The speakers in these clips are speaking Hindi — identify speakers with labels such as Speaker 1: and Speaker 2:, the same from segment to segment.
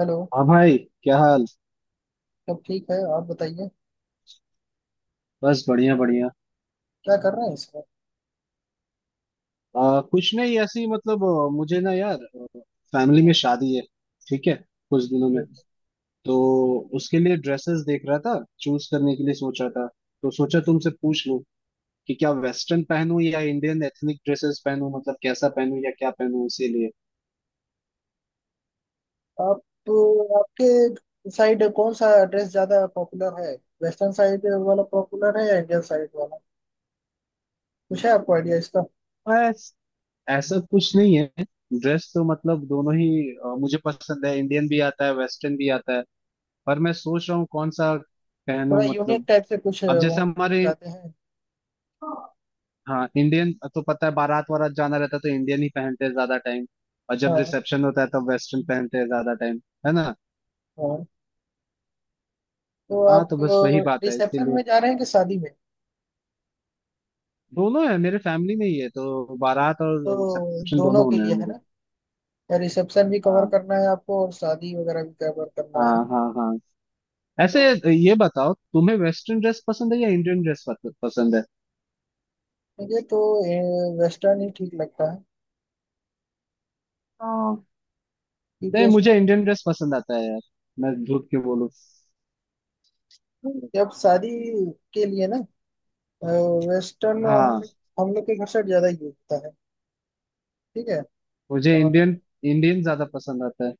Speaker 1: हेलो।
Speaker 2: हाँ भाई। क्या हाल।
Speaker 1: सब ठीक है, आप बताइए।
Speaker 2: बस बढ़िया बढ़िया।
Speaker 1: क्या कर रहे हैं इस वक्त?
Speaker 2: कुछ नहीं ऐसे ही मतलब मुझे ना यार फैमिली में
Speaker 1: हाँ,
Speaker 2: शादी है। ठीक है कुछ दिनों में,
Speaker 1: ठीक।
Speaker 2: तो उसके लिए ड्रेसेस देख रहा था। चूज करने के लिए सोच रहा था तो सोचा तुमसे पूछ लूं कि क्या वेस्टर्न पहनूं या इंडियन एथनिक ड्रेसेस पहनूं, मतलब कैसा पहनूं या क्या पहनूं इसीलिए।
Speaker 1: आप तो... आपके साइड कौन सा ड्रेस ज्यादा पॉपुलर है? वेस्टर्न साइड वाला पॉपुलर है या इंडियन साइड वाला? कुछ है आपको आइडिया इसका?
Speaker 2: बस ऐसा कुछ नहीं है। ड्रेस तो मतलब दोनों ही मुझे पसंद है। इंडियन भी आता है वेस्टर्न भी आता है पर मैं सोच रहा हूँ कौन सा
Speaker 1: थोड़ा
Speaker 2: पहनूं
Speaker 1: यूनिक
Speaker 2: मतलब।
Speaker 1: टाइप से कुछ
Speaker 2: अब जैसे
Speaker 1: वहाँ
Speaker 2: हमारे,
Speaker 1: चाहते हैं? हाँ।
Speaker 2: हाँ, इंडियन तो पता है बारात वारात जाना रहता है तो इंडियन ही पहनते हैं ज्यादा टाइम। और जब रिसेप्शन होता है तब वेस्टर्न पहनते हैं ज्यादा टाइम। है ना।
Speaker 1: हाँ तो
Speaker 2: हाँ
Speaker 1: आप
Speaker 2: तो बस वही बात है
Speaker 1: रिसेप्शन
Speaker 2: इसीलिए।
Speaker 1: में जा रहे हैं कि शादी में?
Speaker 2: दोनों है मेरे फैमिली में ही है तो बारात और
Speaker 1: तो
Speaker 2: रिसेप्शन
Speaker 1: दोनों
Speaker 2: दोनों
Speaker 1: के
Speaker 2: होने हैं
Speaker 1: लिए है
Speaker 2: मेरे।
Speaker 1: ना। रिसेप्शन भी कवर
Speaker 2: हाँ
Speaker 1: करना है आपको और शादी वगैरह भी कवर करना है।
Speaker 2: हाँ हाँ हाँ ऐसे।
Speaker 1: तो
Speaker 2: ये बताओ तुम्हें वेस्टर्न ड्रेस पसंद है या इंडियन ड्रेस पसंद है।
Speaker 1: मुझे तो वेस्टर्न ही ठीक लगता है
Speaker 2: हाँ।
Speaker 1: क्योंकि
Speaker 2: नहीं, मुझे
Speaker 1: उसमें...
Speaker 2: इंडियन ड्रेस पसंद आता है यार। मैं झूठ क्यों बोलूँ।
Speaker 1: अब शादी के लिए ना वेस्टर्न हम लोग
Speaker 2: हाँ।
Speaker 1: हम लोग के घर साइड ज्यादा यूज होता है। ठीक है।
Speaker 2: मुझे इंडियन,
Speaker 1: और
Speaker 2: इंडियन ज्यादा पसंद आता है।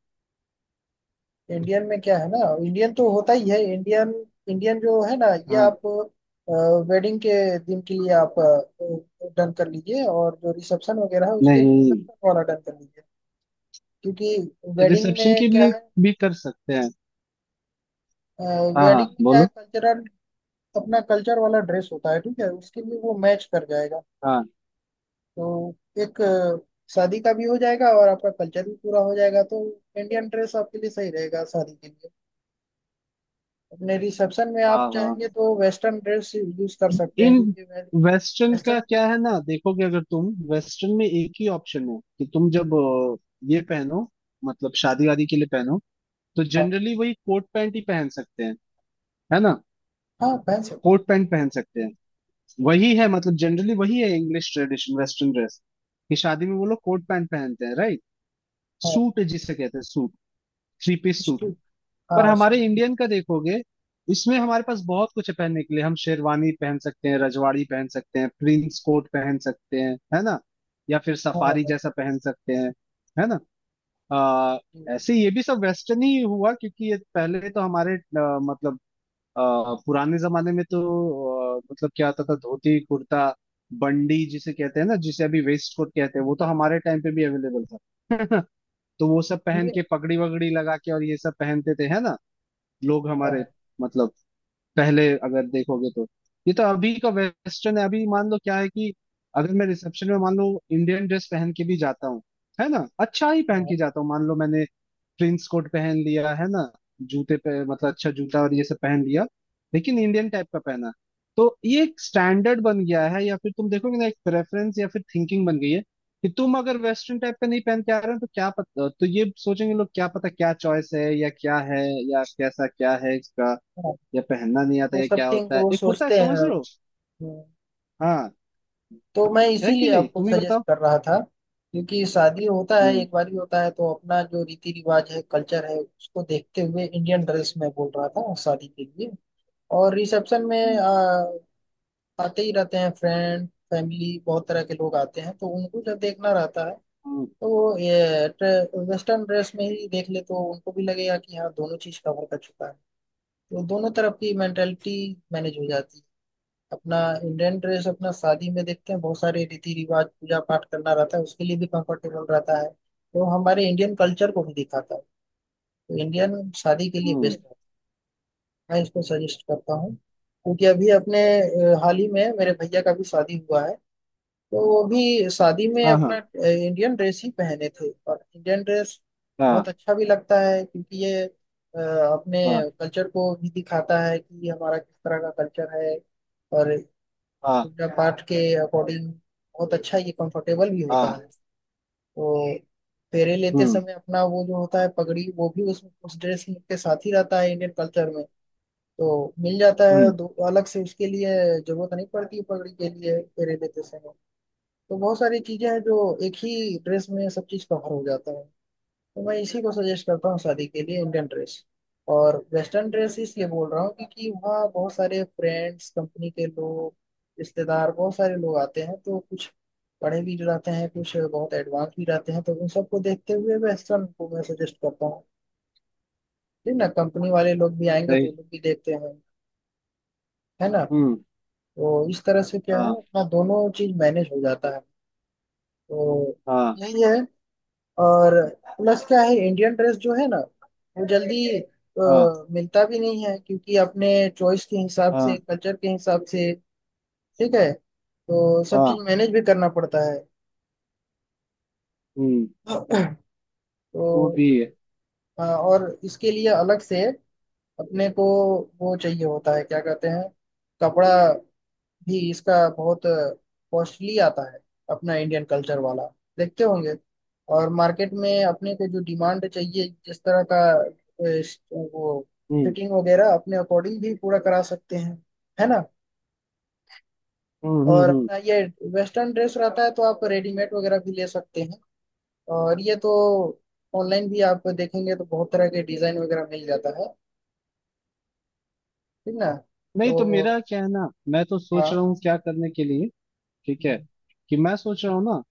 Speaker 1: इंडियन में क्या है ना, इंडियन तो होता ही है इंडियन इंडियन जो है ना ये
Speaker 2: हाँ।
Speaker 1: आप वेडिंग के दिन के लिए आप डन कर लीजिए, और जो रिसेप्शन वगैरह है उसके लिए
Speaker 2: नहीं,
Speaker 1: वेस्टर्न वाला डन कर लीजिए। क्योंकि वेडिंग
Speaker 2: रिसेप्शन के
Speaker 1: में क्या
Speaker 2: लिए
Speaker 1: है
Speaker 2: भी कर सकते हैं। हाँ हाँ
Speaker 1: वेडिंग में क्या है
Speaker 2: बोलो।
Speaker 1: कल्चरल, अपना कल्चर वाला ड्रेस होता है, ठीक है, उसके लिए वो मैच कर जाएगा।
Speaker 2: हाँ
Speaker 1: तो एक शादी का भी हो जाएगा और आपका कल्चर भी पूरा हो जाएगा। तो इंडियन ड्रेस आपके लिए सही रहेगा शादी के लिए। अपने रिसेप्शन में
Speaker 2: हाँ
Speaker 1: आप चाहेंगे
Speaker 2: हाँ।
Speaker 1: तो वेस्टर्न ड्रेस यूज कर सकते हैं
Speaker 2: इन
Speaker 1: क्योंकि
Speaker 2: वेस्टर्न का
Speaker 1: वेस्टर्न...
Speaker 2: क्या है ना, देखोगे अगर तुम, वेस्टर्न में एक ही ऑप्शन है कि तुम जब ये पहनो, मतलब शादी वादी के लिए पहनो तो
Speaker 1: हाँ
Speaker 2: जनरली वही कोट पैंट ही पहन सकते हैं। है ना।
Speaker 1: हाँ पहन सकते हैं।
Speaker 2: कोट पैंट पहन सकते हैं। वही है मतलब जनरली वही है इंग्लिश ट्रेडिशन वेस्टर्न ड्रेस, कि शादी में वो लोग कोट पैंट पहनते हैं राइट।
Speaker 1: हाँ
Speaker 2: सूट जिसे कहते हैं, suit. Three piece suit.
Speaker 1: Suit.
Speaker 2: पर
Speaker 1: हाँ
Speaker 2: हमारे
Speaker 1: सूट।
Speaker 2: इंडियन का देखोगे इसमें हमारे पास बहुत कुछ है पहनने के लिए। हम शेरवानी पहन सकते हैं, रजवाड़ी पहन सकते हैं, प्रिंस कोट पहन सकते हैं, है ना, या फिर
Speaker 1: हाँ
Speaker 2: सफारी
Speaker 1: हाँ
Speaker 2: जैसा पहन सकते हैं। है ना। आ,
Speaker 1: जी।
Speaker 2: ऐसे ये भी सब वेस्टर्न ही हुआ क्योंकि ये पहले तो हमारे मतलब अ, पुराने जमाने में तो मतलब क्या आता था, धोती कुर्ता। बंडी जिसे कहते हैं ना, जिसे अभी वेस्ट कोट कहते हैं, वो तो हमारे टाइम पे भी अवेलेबल था तो वो सब पहन के
Speaker 1: इंडियन-
Speaker 2: पगड़ी वगड़ी लगा के और ये सब पहनते थे है ना लोग हमारे,
Speaker 1: हाँ
Speaker 2: मतलब पहले अगर देखोगे तो, ये तो अभी का वेस्टर्न है। अभी मान लो क्या है कि अगर मैं रिसेप्शन में मान लो इंडियन ड्रेस पहन के भी जाता हूँ, है ना, अच्छा ही पहन
Speaker 1: हाँ
Speaker 2: के जाता हूँ, मान लो मैंने प्रिंस कोट पहन लिया है ना, जूते पे मतलब अच्छा जूता और ये सब पहन लिया लेकिन इंडियन टाइप का पहना, तो ये एक स्टैंडर्ड बन गया है या फिर तुम देखोगे ना एक प्रेफरेंस या फिर थिंकिंग बन गई है कि तुम अगर वेस्टर्न टाइप का नहीं पहन के आ रहे हो तो क्या पता, तो ये सोचेंगे लोग क्या पता क्या चॉइस है या क्या है या कैसा क्या है इसका,
Speaker 1: हाँ।
Speaker 2: या पहनना नहीं आता
Speaker 1: वो
Speaker 2: या
Speaker 1: सब
Speaker 2: क्या
Speaker 1: थिंक
Speaker 2: होता है
Speaker 1: वो
Speaker 2: एक होता है,
Speaker 1: सोचते
Speaker 2: समझ
Speaker 1: हैं।
Speaker 2: रहे हो। हाँ,
Speaker 1: तो मैं
Speaker 2: है कि
Speaker 1: इसीलिए
Speaker 2: नहीं
Speaker 1: आपको
Speaker 2: तुम ही
Speaker 1: सजेस्ट
Speaker 2: बताओ।
Speaker 1: कर रहा था, क्योंकि शादी होता है
Speaker 2: हम्म।
Speaker 1: एक बार ही होता है, तो अपना जो रीति रिवाज है, कल्चर है, उसको देखते हुए इंडियन ड्रेस में बोल रहा था शादी के लिए। और रिसेप्शन में
Speaker 2: हम्म।
Speaker 1: आते ही रहते हैं, फ्रेंड फैमिली बहुत तरह के लोग आते हैं, तो उनको जब देखना रहता है
Speaker 2: हम्म।
Speaker 1: तो वो ये वेस्टर्न ड्रेस में ही देख ले तो उनको भी लगेगा कि हाँ दोनों चीज कवर कर चुका है। तो दोनों तरफ की मेंटेलिटी मैनेज हो जाती है। अपना इंडियन ड्रेस अपना शादी में देखते हैं, बहुत सारे रीति रिवाज पूजा पाठ करना रहता है, उसके लिए भी कंफर्टेबल रहता है, तो हमारे इंडियन कल्चर को भी दिखाता है। तो इंडियन शादी के लिए
Speaker 2: हम्म,
Speaker 1: बेस्ट रहता है, मैं इसको सजेस्ट करता हूँ क्योंकि अभी अपने हाल ही में मेरे भैया का भी शादी हुआ है, तो वो भी शादी में
Speaker 2: हाँ
Speaker 1: अपना
Speaker 2: हाँ
Speaker 1: इंडियन ड्रेस ही पहने थे। और इंडियन ड्रेस बहुत
Speaker 2: हाँ
Speaker 1: अच्छा भी लगता है क्योंकि ये अपने
Speaker 2: हाँ
Speaker 1: कल्चर को भी दिखाता है कि हमारा किस तरह का कल्चर है। और
Speaker 2: हाँ।
Speaker 1: पूजा पाठ के अकॉर्डिंग बहुत अच्छा, ये कंफर्टेबल भी होता
Speaker 2: हाँ
Speaker 1: है। तो फेरे लेते
Speaker 2: हम्म
Speaker 1: समय अपना वो जो होता है पगड़ी, वो भी उस ड्रेस के साथ ही रहता है इंडियन कल्चर में। तो मिल जाता है,
Speaker 2: हम्म
Speaker 1: दो अलग से उसके लिए जरूरत नहीं पड़ती है पगड़ी के लिए फेरे लेते समय। तो बहुत सारी चीजें हैं जो एक ही ड्रेस में सब चीज कवर हो जाता है। तो मैं इसी को सजेस्ट करता हूँ शादी के लिए इंडियन ड्रेस। और वेस्टर्न ड्रेस इसलिए बोल रहा हूँ क्योंकि वहाँ बहुत सारे फ्रेंड्स, कंपनी के लोग, रिश्तेदार, बहुत सारे लोग आते हैं, तो कुछ पढ़े भी रहते हैं, कुछ बहुत एडवांस भी रहते हैं, तो उन सबको देखते हुए वेस्टर्न को मैं सजेस्ट करता हूँ। ठीक ना, कंपनी वाले लोग भी आएंगे तो वो
Speaker 2: सही।
Speaker 1: लोग भी देखते हैं, है ना।
Speaker 2: हम्म।
Speaker 1: तो इस तरह से क्या है,
Speaker 2: हाँ
Speaker 1: अपना दोनों चीज मैनेज हो जाता है। तो
Speaker 2: हाँ
Speaker 1: यही है। और प्लस क्या है, इंडियन ड्रेस जो है ना वो जल्दी
Speaker 2: हाँ
Speaker 1: मिलता भी नहीं है क्योंकि अपने चॉइस के हिसाब से,
Speaker 2: हाँ
Speaker 1: कल्चर के हिसाब से, ठीक है, तो सब चीज
Speaker 2: हाँ।
Speaker 1: मैनेज भी करना पड़ता है।
Speaker 2: हम्म।
Speaker 1: तो
Speaker 2: वो भी है।
Speaker 1: और इसके लिए अलग से अपने को वो चाहिए होता है, क्या कहते हैं, कपड़ा भी इसका बहुत कॉस्टली आता है अपना इंडियन कल्चर वाला, देखते होंगे। और मार्केट में अपने को जो डिमांड चाहिए, जिस तरह का वो
Speaker 2: हम्म
Speaker 1: फिटिंग वगैरह अपने अकॉर्डिंग भी पूरा करा सकते हैं, है ना।
Speaker 2: हम्म हम्म
Speaker 1: और
Speaker 2: हम्म।
Speaker 1: अपना ये वेस्टर्न ड्रेस रहता है तो आप रेडीमेड वगैरह भी ले सकते हैं। और ये तो ऑनलाइन भी आप देखेंगे तो बहुत तरह के डिजाइन वगैरह मिल जाता है, ठीक ना।
Speaker 2: नहीं,
Speaker 1: तो
Speaker 2: तो मेरा क्या है ना, मैं तो सोच
Speaker 1: हाँ।
Speaker 2: रहा हूँ क्या करने के लिए ठीक है,
Speaker 1: हम्म।
Speaker 2: कि मैं सोच रहा हूँ ना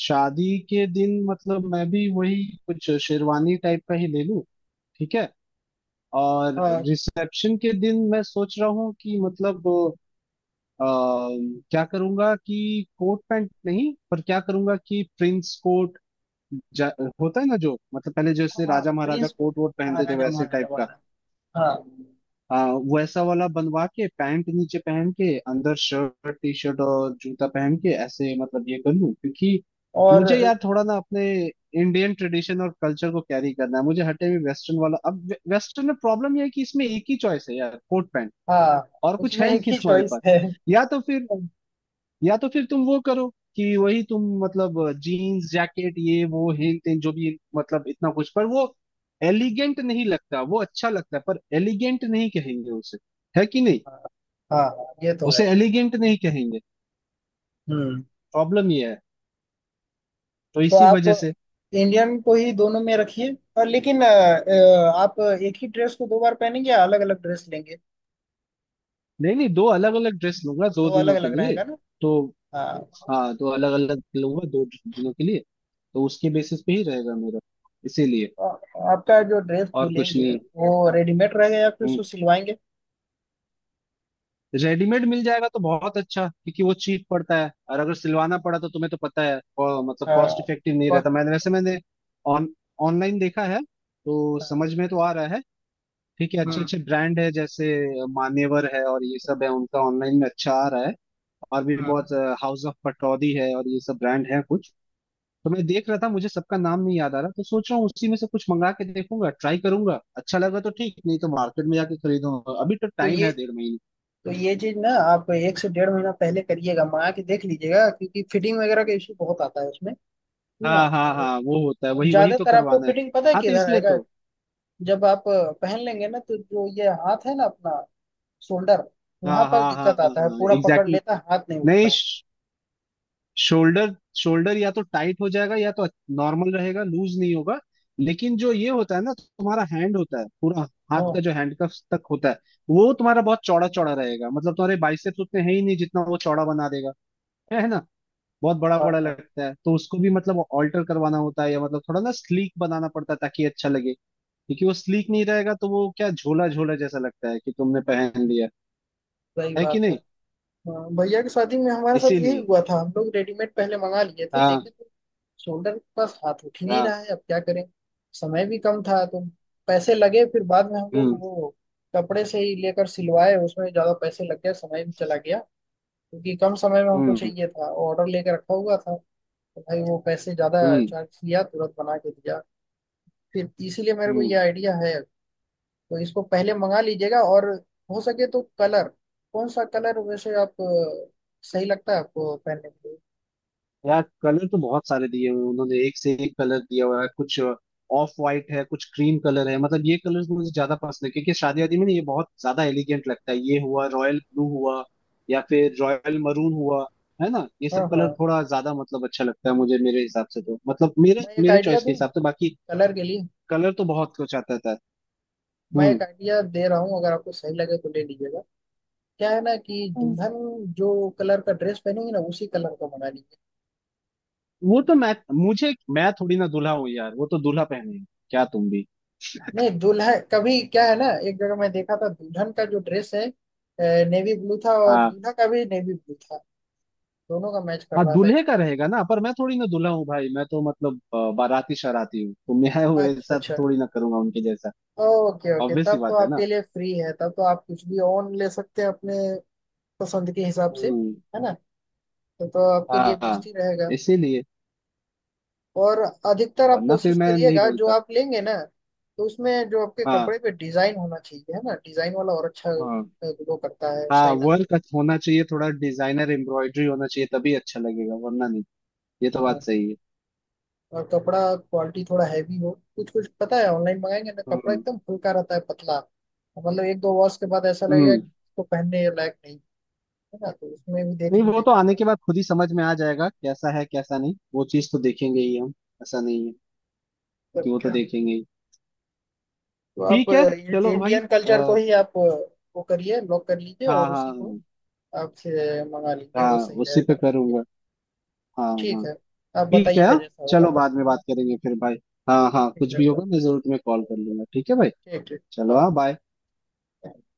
Speaker 2: शादी के दिन, मतलब मैं भी वही कुछ शेरवानी टाइप का ही ले लूँ ठीक है। और
Speaker 1: हाँ
Speaker 2: रिसेप्शन के दिन मैं सोच रहा हूँ कि मतलब अ, क्या करूंगा कि कोट पैंट नहीं, पर क्या करूंगा कि प्रिंस कोट, जा, होता है ना जो, मतलब पहले जैसे
Speaker 1: हाँ
Speaker 2: राजा महाराजा
Speaker 1: प्रिंस।
Speaker 2: कोट वोट
Speaker 1: हाँ,
Speaker 2: पहनते थे
Speaker 1: राजा
Speaker 2: वैसे
Speaker 1: महाराजा
Speaker 2: टाइप का,
Speaker 1: वाला। हाँ।
Speaker 2: आ, वैसा वाला बनवा के पैंट नीचे पहन के अंदर शर्ट टी शर्ट और जूता पहन के ऐसे, मतलब ये कर लूं क्योंकि मुझे
Speaker 1: और
Speaker 2: यार थोड़ा ना अपने इंडियन ट्रेडिशन और कल्चर को कैरी करना है मुझे, हटे हुए वेस्टर्न वाला। अब वेस्टर्न में प्रॉब्लम यह है कि इसमें एक ही चॉइस है यार, कोट पैंट,
Speaker 1: हाँ
Speaker 2: और कुछ
Speaker 1: उसमें
Speaker 2: है
Speaker 1: एक
Speaker 2: नहीं
Speaker 1: ही
Speaker 2: तुम्हारे
Speaker 1: चॉइस
Speaker 2: पास।
Speaker 1: है।
Speaker 2: या तो फिर या तो फिर तुम वो करो कि वही तुम मतलब जीन्स जैकेट ये वो हिल टिल जो भी, मतलब इतना कुछ, पर वो एलिगेंट नहीं लगता। वो अच्छा लगता है पर एलिगेंट नहीं कहेंगे उसे, है कि नहीं।
Speaker 1: हाँ ये तो है।
Speaker 2: उसे एलिगेंट नहीं कहेंगे।
Speaker 1: हम्म।
Speaker 2: प्रॉब्लम ये है, तो
Speaker 1: तो
Speaker 2: इसी
Speaker 1: आप
Speaker 2: वजह से।
Speaker 1: इंडियन को ही दोनों में रखिए। और लेकिन आप एक ही ड्रेस को दो बार पहनेंगे या अलग अलग ड्रेस लेंगे?
Speaker 2: नहीं नहीं, दो अलग अलग ड्रेस लूंगा दो
Speaker 1: दो
Speaker 2: दिनों
Speaker 1: अलग
Speaker 2: के
Speaker 1: अलग
Speaker 2: लिए।
Speaker 1: रहेगा ना।
Speaker 2: तो
Speaker 1: हाँ।
Speaker 2: हाँ, दो अलग अलग लूंगा दो दिनों के लिए तो उसके बेसिस पे ही रहेगा मेरा, इसीलिए।
Speaker 1: तो आपका जो ड्रेस जो
Speaker 2: और कुछ
Speaker 1: लेंगे
Speaker 2: नहीं।
Speaker 1: वो रेडीमेड रहेगा या फिर
Speaker 2: हम्म।
Speaker 1: उसको सिलवाएंगे?
Speaker 2: रेडीमेड मिल जाएगा तो बहुत अच्छा क्योंकि वो चीप पड़ता है, और अगर सिलवाना पड़ा तो तुम्हें तो पता है मतलब
Speaker 1: हाँ
Speaker 2: कॉस्ट इफेक्टिव नहीं
Speaker 1: cost
Speaker 2: रहता।
Speaker 1: के
Speaker 2: मैंने,
Speaker 1: ऊपर,
Speaker 2: वैसे मैंने ऑन ऑनलाइन देखा है तो
Speaker 1: हाँ,
Speaker 2: समझ में तो आ रहा है। ठीक है, अच्छे
Speaker 1: हम्म
Speaker 2: अच्छे ब्रांड है, जैसे मान्यवर है और ये सब है उनका ऑनलाइन में अच्छा आ रहा है। और भी
Speaker 1: हम्म।
Speaker 2: बहुत, हाउस ऑफ पटौदी है और ये सब ब्रांड है कुछ। तो मैं देख रहा था, मुझे सबका नाम नहीं याद आ रहा तो सोच रहा हूँ उसी में से कुछ मंगा के देखूंगा, ट्राई करूंगा, अच्छा लगा तो ठीक नहीं तो मार्केट में जाके खरीदूंगा, अभी तो
Speaker 1: तो
Speaker 2: टाइम
Speaker 1: ये
Speaker 2: है डेढ़ महीने।
Speaker 1: तो ये चीज ना आप 1 से 1.5 महीना पहले करिएगा, मंगा के देख लीजिएगा, क्योंकि फिटिंग वगैरह का इशू बहुत आता है उसमें ना।
Speaker 2: हाँ हाँ
Speaker 1: और,
Speaker 2: हाँ वो होता है,
Speaker 1: और
Speaker 2: वही वही तो
Speaker 1: ज्यादातर आपको
Speaker 2: करवाना है।
Speaker 1: फिटिंग पता है
Speaker 2: हाँ तो
Speaker 1: किधर
Speaker 2: इसलिए
Speaker 1: आएगा,
Speaker 2: तो।
Speaker 1: जब आप पहन लेंगे ना तो जो ये हाथ है ना अपना, शोल्डर वहां
Speaker 2: हाँ
Speaker 1: पास
Speaker 2: हाँ हाँ
Speaker 1: दिक्कत आता है,
Speaker 2: हाँ
Speaker 1: पूरा पकड़
Speaker 2: एग्जैक्टली।
Speaker 1: लेता है, हाथ नहीं उठता
Speaker 2: नहीं,
Speaker 1: है।
Speaker 2: शोल्डर, शोल्डर या तो टाइट हो जाएगा या तो नॉर्मल रहेगा, लूज नहीं होगा। लेकिन जो ये होता है ना तुम्हारा हैंड होता है पूरा, हाथ
Speaker 1: हाँ
Speaker 2: का जो हैंडकफ तक होता है, वो तुम्हारा बहुत चौड़ा चौड़ा रहेगा, मतलब तुम्हारे बाइसेप्स उतने है ही नहीं जितना वो चौड़ा बना देगा। है ना। बहुत बड़ा
Speaker 1: हाँ
Speaker 2: बड़ा
Speaker 1: हाँ,
Speaker 2: लगता है तो उसको भी मतलब ऑल्टर करवाना होता है, या मतलब थोड़ा ना स्लीक बनाना पड़ता है ताकि अच्छा लगे। क्योंकि वो स्लीक नहीं रहेगा तो वो क्या, झोला झोला जैसा लगता है कि तुमने पहन लिया,
Speaker 1: सही
Speaker 2: है कि
Speaker 1: बात है।
Speaker 2: नहीं।
Speaker 1: हाँ, भैया की शादी में हमारे साथ यही
Speaker 2: इसीलिए।
Speaker 1: हुआ था, हम लोग रेडीमेड पहले मंगा लिए थे,
Speaker 2: हाँ
Speaker 1: देखे तो शोल्डर के पास हाथ उठ ही नहीं
Speaker 2: हाँ।
Speaker 1: रहा है, अब क्या करें। समय भी कम था तो पैसे लगे फिर बाद में, हम लोग
Speaker 2: हम्म
Speaker 1: वो कपड़े से ही लेकर सिलवाए, उसमें ज्यादा पैसे लग गए, समय भी चला गया, क्योंकि कम समय में हमको
Speaker 2: हम्म
Speaker 1: चाहिए था, ऑर्डर लेके रखा हुआ था। तो भाई वो पैसे ज्यादा
Speaker 2: हम्म
Speaker 1: चार्ज किया, तुरंत बना के दिया। फिर इसीलिए मेरे को
Speaker 2: हम्म।
Speaker 1: ये आइडिया है। तो इसको पहले मंगा लीजिएगा, और हो सके तो कलर, कौन सा कलर वैसे आप सही लगता है आपको पहनने के लिए?
Speaker 2: यार कलर तो बहुत सारे दिए हुए हैं उन्होंने, एक से एक कलर दिया हुआ है। कुछ ऑफ वाइट है कुछ क्रीम कलर है, मतलब ये कलर्स मुझे ज्यादा पसंद है क्योंकि शादी वादी में ना ये बहुत ज्यादा एलिगेंट लगता है। ये हुआ रॉयल ब्लू हुआ, या फिर रॉयल मरून हुआ, है ना, ये
Speaker 1: हाँ
Speaker 2: सब
Speaker 1: हाँ।
Speaker 2: कलर थोड़ा ज्यादा मतलब अच्छा लगता है मुझे मेरे हिसाब से, तो मतलब मेरे
Speaker 1: मैं एक
Speaker 2: मेरे
Speaker 1: आइडिया
Speaker 2: चॉइस के
Speaker 1: दूं
Speaker 2: हिसाब से बाकी।
Speaker 1: कलर के लिए,
Speaker 2: कलर तो बहुत कुछ आता है।
Speaker 1: मैं
Speaker 2: हम्म।
Speaker 1: एक आइडिया दे रहा हूँ, अगर आपको सही लगे तो ले लीजिएगा। क्या है ना कि
Speaker 2: हम्म,
Speaker 1: दुल्हन जो कलर का ड्रेस पहनेगी ना उसी कलर का बना लीजिए।
Speaker 2: वो तो मैं थोड़ी ना दूल्हा हूँ यार, वो तो दूल्हा पहने। क्या तुम भी।
Speaker 1: नहीं, दूल्हा कभी... क्या है ना, एक जगह मैं देखा था, दुल्हन का जो ड्रेस है नेवी ब्लू था, और
Speaker 2: हाँ,
Speaker 1: दूल्हा का भी नेवी ब्लू था, दोनों का मैच कर
Speaker 2: हाँ
Speaker 1: रहा था इस
Speaker 2: दूल्हे का
Speaker 1: तरह
Speaker 2: रहेगा ना, पर मैं थोड़ी ना दूल्हा हूँ भाई, मैं तो मतलब बाराती शराती हूँ तो मैं
Speaker 1: से। अच्छा
Speaker 2: वैसा
Speaker 1: अच्छा,
Speaker 2: थोड़ी ना करूंगा उनके जैसा।
Speaker 1: ओके ओके,
Speaker 2: ऑब्वियस सी
Speaker 1: तब तो
Speaker 2: बात है ना।
Speaker 1: आपके लिए फ्री है, तब तो आप कुछ भी ऑन ले सकते हैं अपने पसंद के हिसाब से,
Speaker 2: हम्म।
Speaker 1: है ना। तो आपके लिए
Speaker 2: हाँ
Speaker 1: बेस्ट
Speaker 2: हाँ।
Speaker 1: ही रहेगा।
Speaker 2: इसीलिए।
Speaker 1: और अधिकतर आप
Speaker 2: वरना फिर
Speaker 1: कोशिश
Speaker 2: मैं नहीं
Speaker 1: करिएगा, जो
Speaker 2: बोलता।
Speaker 1: आप लेंगे ना तो उसमें जो आपके
Speaker 2: हाँ
Speaker 1: कपड़े पे डिजाइन होना चाहिए, है ना, डिजाइन वाला और अच्छा
Speaker 2: हाँ।
Speaker 1: ग्लो करता है,
Speaker 2: हाँ
Speaker 1: शाइन आता
Speaker 2: वर्क होना चाहिए थोड़ा, डिजाइनर एम्ब्रॉयडरी होना चाहिए तभी अच्छा लगेगा वरना नहीं। ये तो
Speaker 1: है।
Speaker 2: बात सही है।
Speaker 1: और कपड़ा क्वालिटी थोड़ा हैवी हो, कुछ कुछ पता है ऑनलाइन मंगाएंगे ना कपड़ा
Speaker 2: हम्म
Speaker 1: एकदम हल्का रहता है, पतला, और मतलब एक दो वॉश के बाद ऐसा लगेगा
Speaker 2: हम्म।
Speaker 1: कि इसको पहनने लायक नहीं, है ना, तो उसमें भी देख
Speaker 2: नहीं, वो तो
Speaker 1: लीजिएगा
Speaker 2: आने
Speaker 1: थोड़ा।
Speaker 2: के बाद खुद ही समझ में आ जाएगा कैसा है कैसा नहीं। वो चीज तो देखेंगे ही हम। ऐसा नहीं है
Speaker 1: तो
Speaker 2: कि, वो तो
Speaker 1: क्या,
Speaker 2: देखेंगे ही।
Speaker 1: तो आप
Speaker 2: ठीक है। चलो भाई।
Speaker 1: इंडियन कल्चर को
Speaker 2: आ,
Speaker 1: ही आप वो करिए, लॉक कर लीजिए
Speaker 2: हाँ
Speaker 1: और
Speaker 2: हाँ
Speaker 1: उसी को
Speaker 2: हाँ।
Speaker 1: आप से मंगा लीजिए,
Speaker 2: हाँ
Speaker 1: वो सही
Speaker 2: उसी
Speaker 1: रहेगा
Speaker 2: पे
Speaker 1: आपके लिए।
Speaker 2: करूंगा। हाँ
Speaker 1: ठीक
Speaker 2: हाँ।
Speaker 1: है, आप
Speaker 2: ठीक है
Speaker 1: बताइएगा
Speaker 2: हाँ?
Speaker 1: जैसा होगा।
Speaker 2: चलो बाद में बात करेंगे फिर भाई। हाँ हाँ,
Speaker 1: ठीक
Speaker 2: कुछ
Speaker 1: है
Speaker 2: भी
Speaker 1: bye।
Speaker 2: होगा मैं जरूर तुम्हें कॉल कर लूंगा, ठीक है भाई।
Speaker 1: ठीक ठीक।
Speaker 2: चलो
Speaker 1: बाय।
Speaker 2: हाँ, बाय।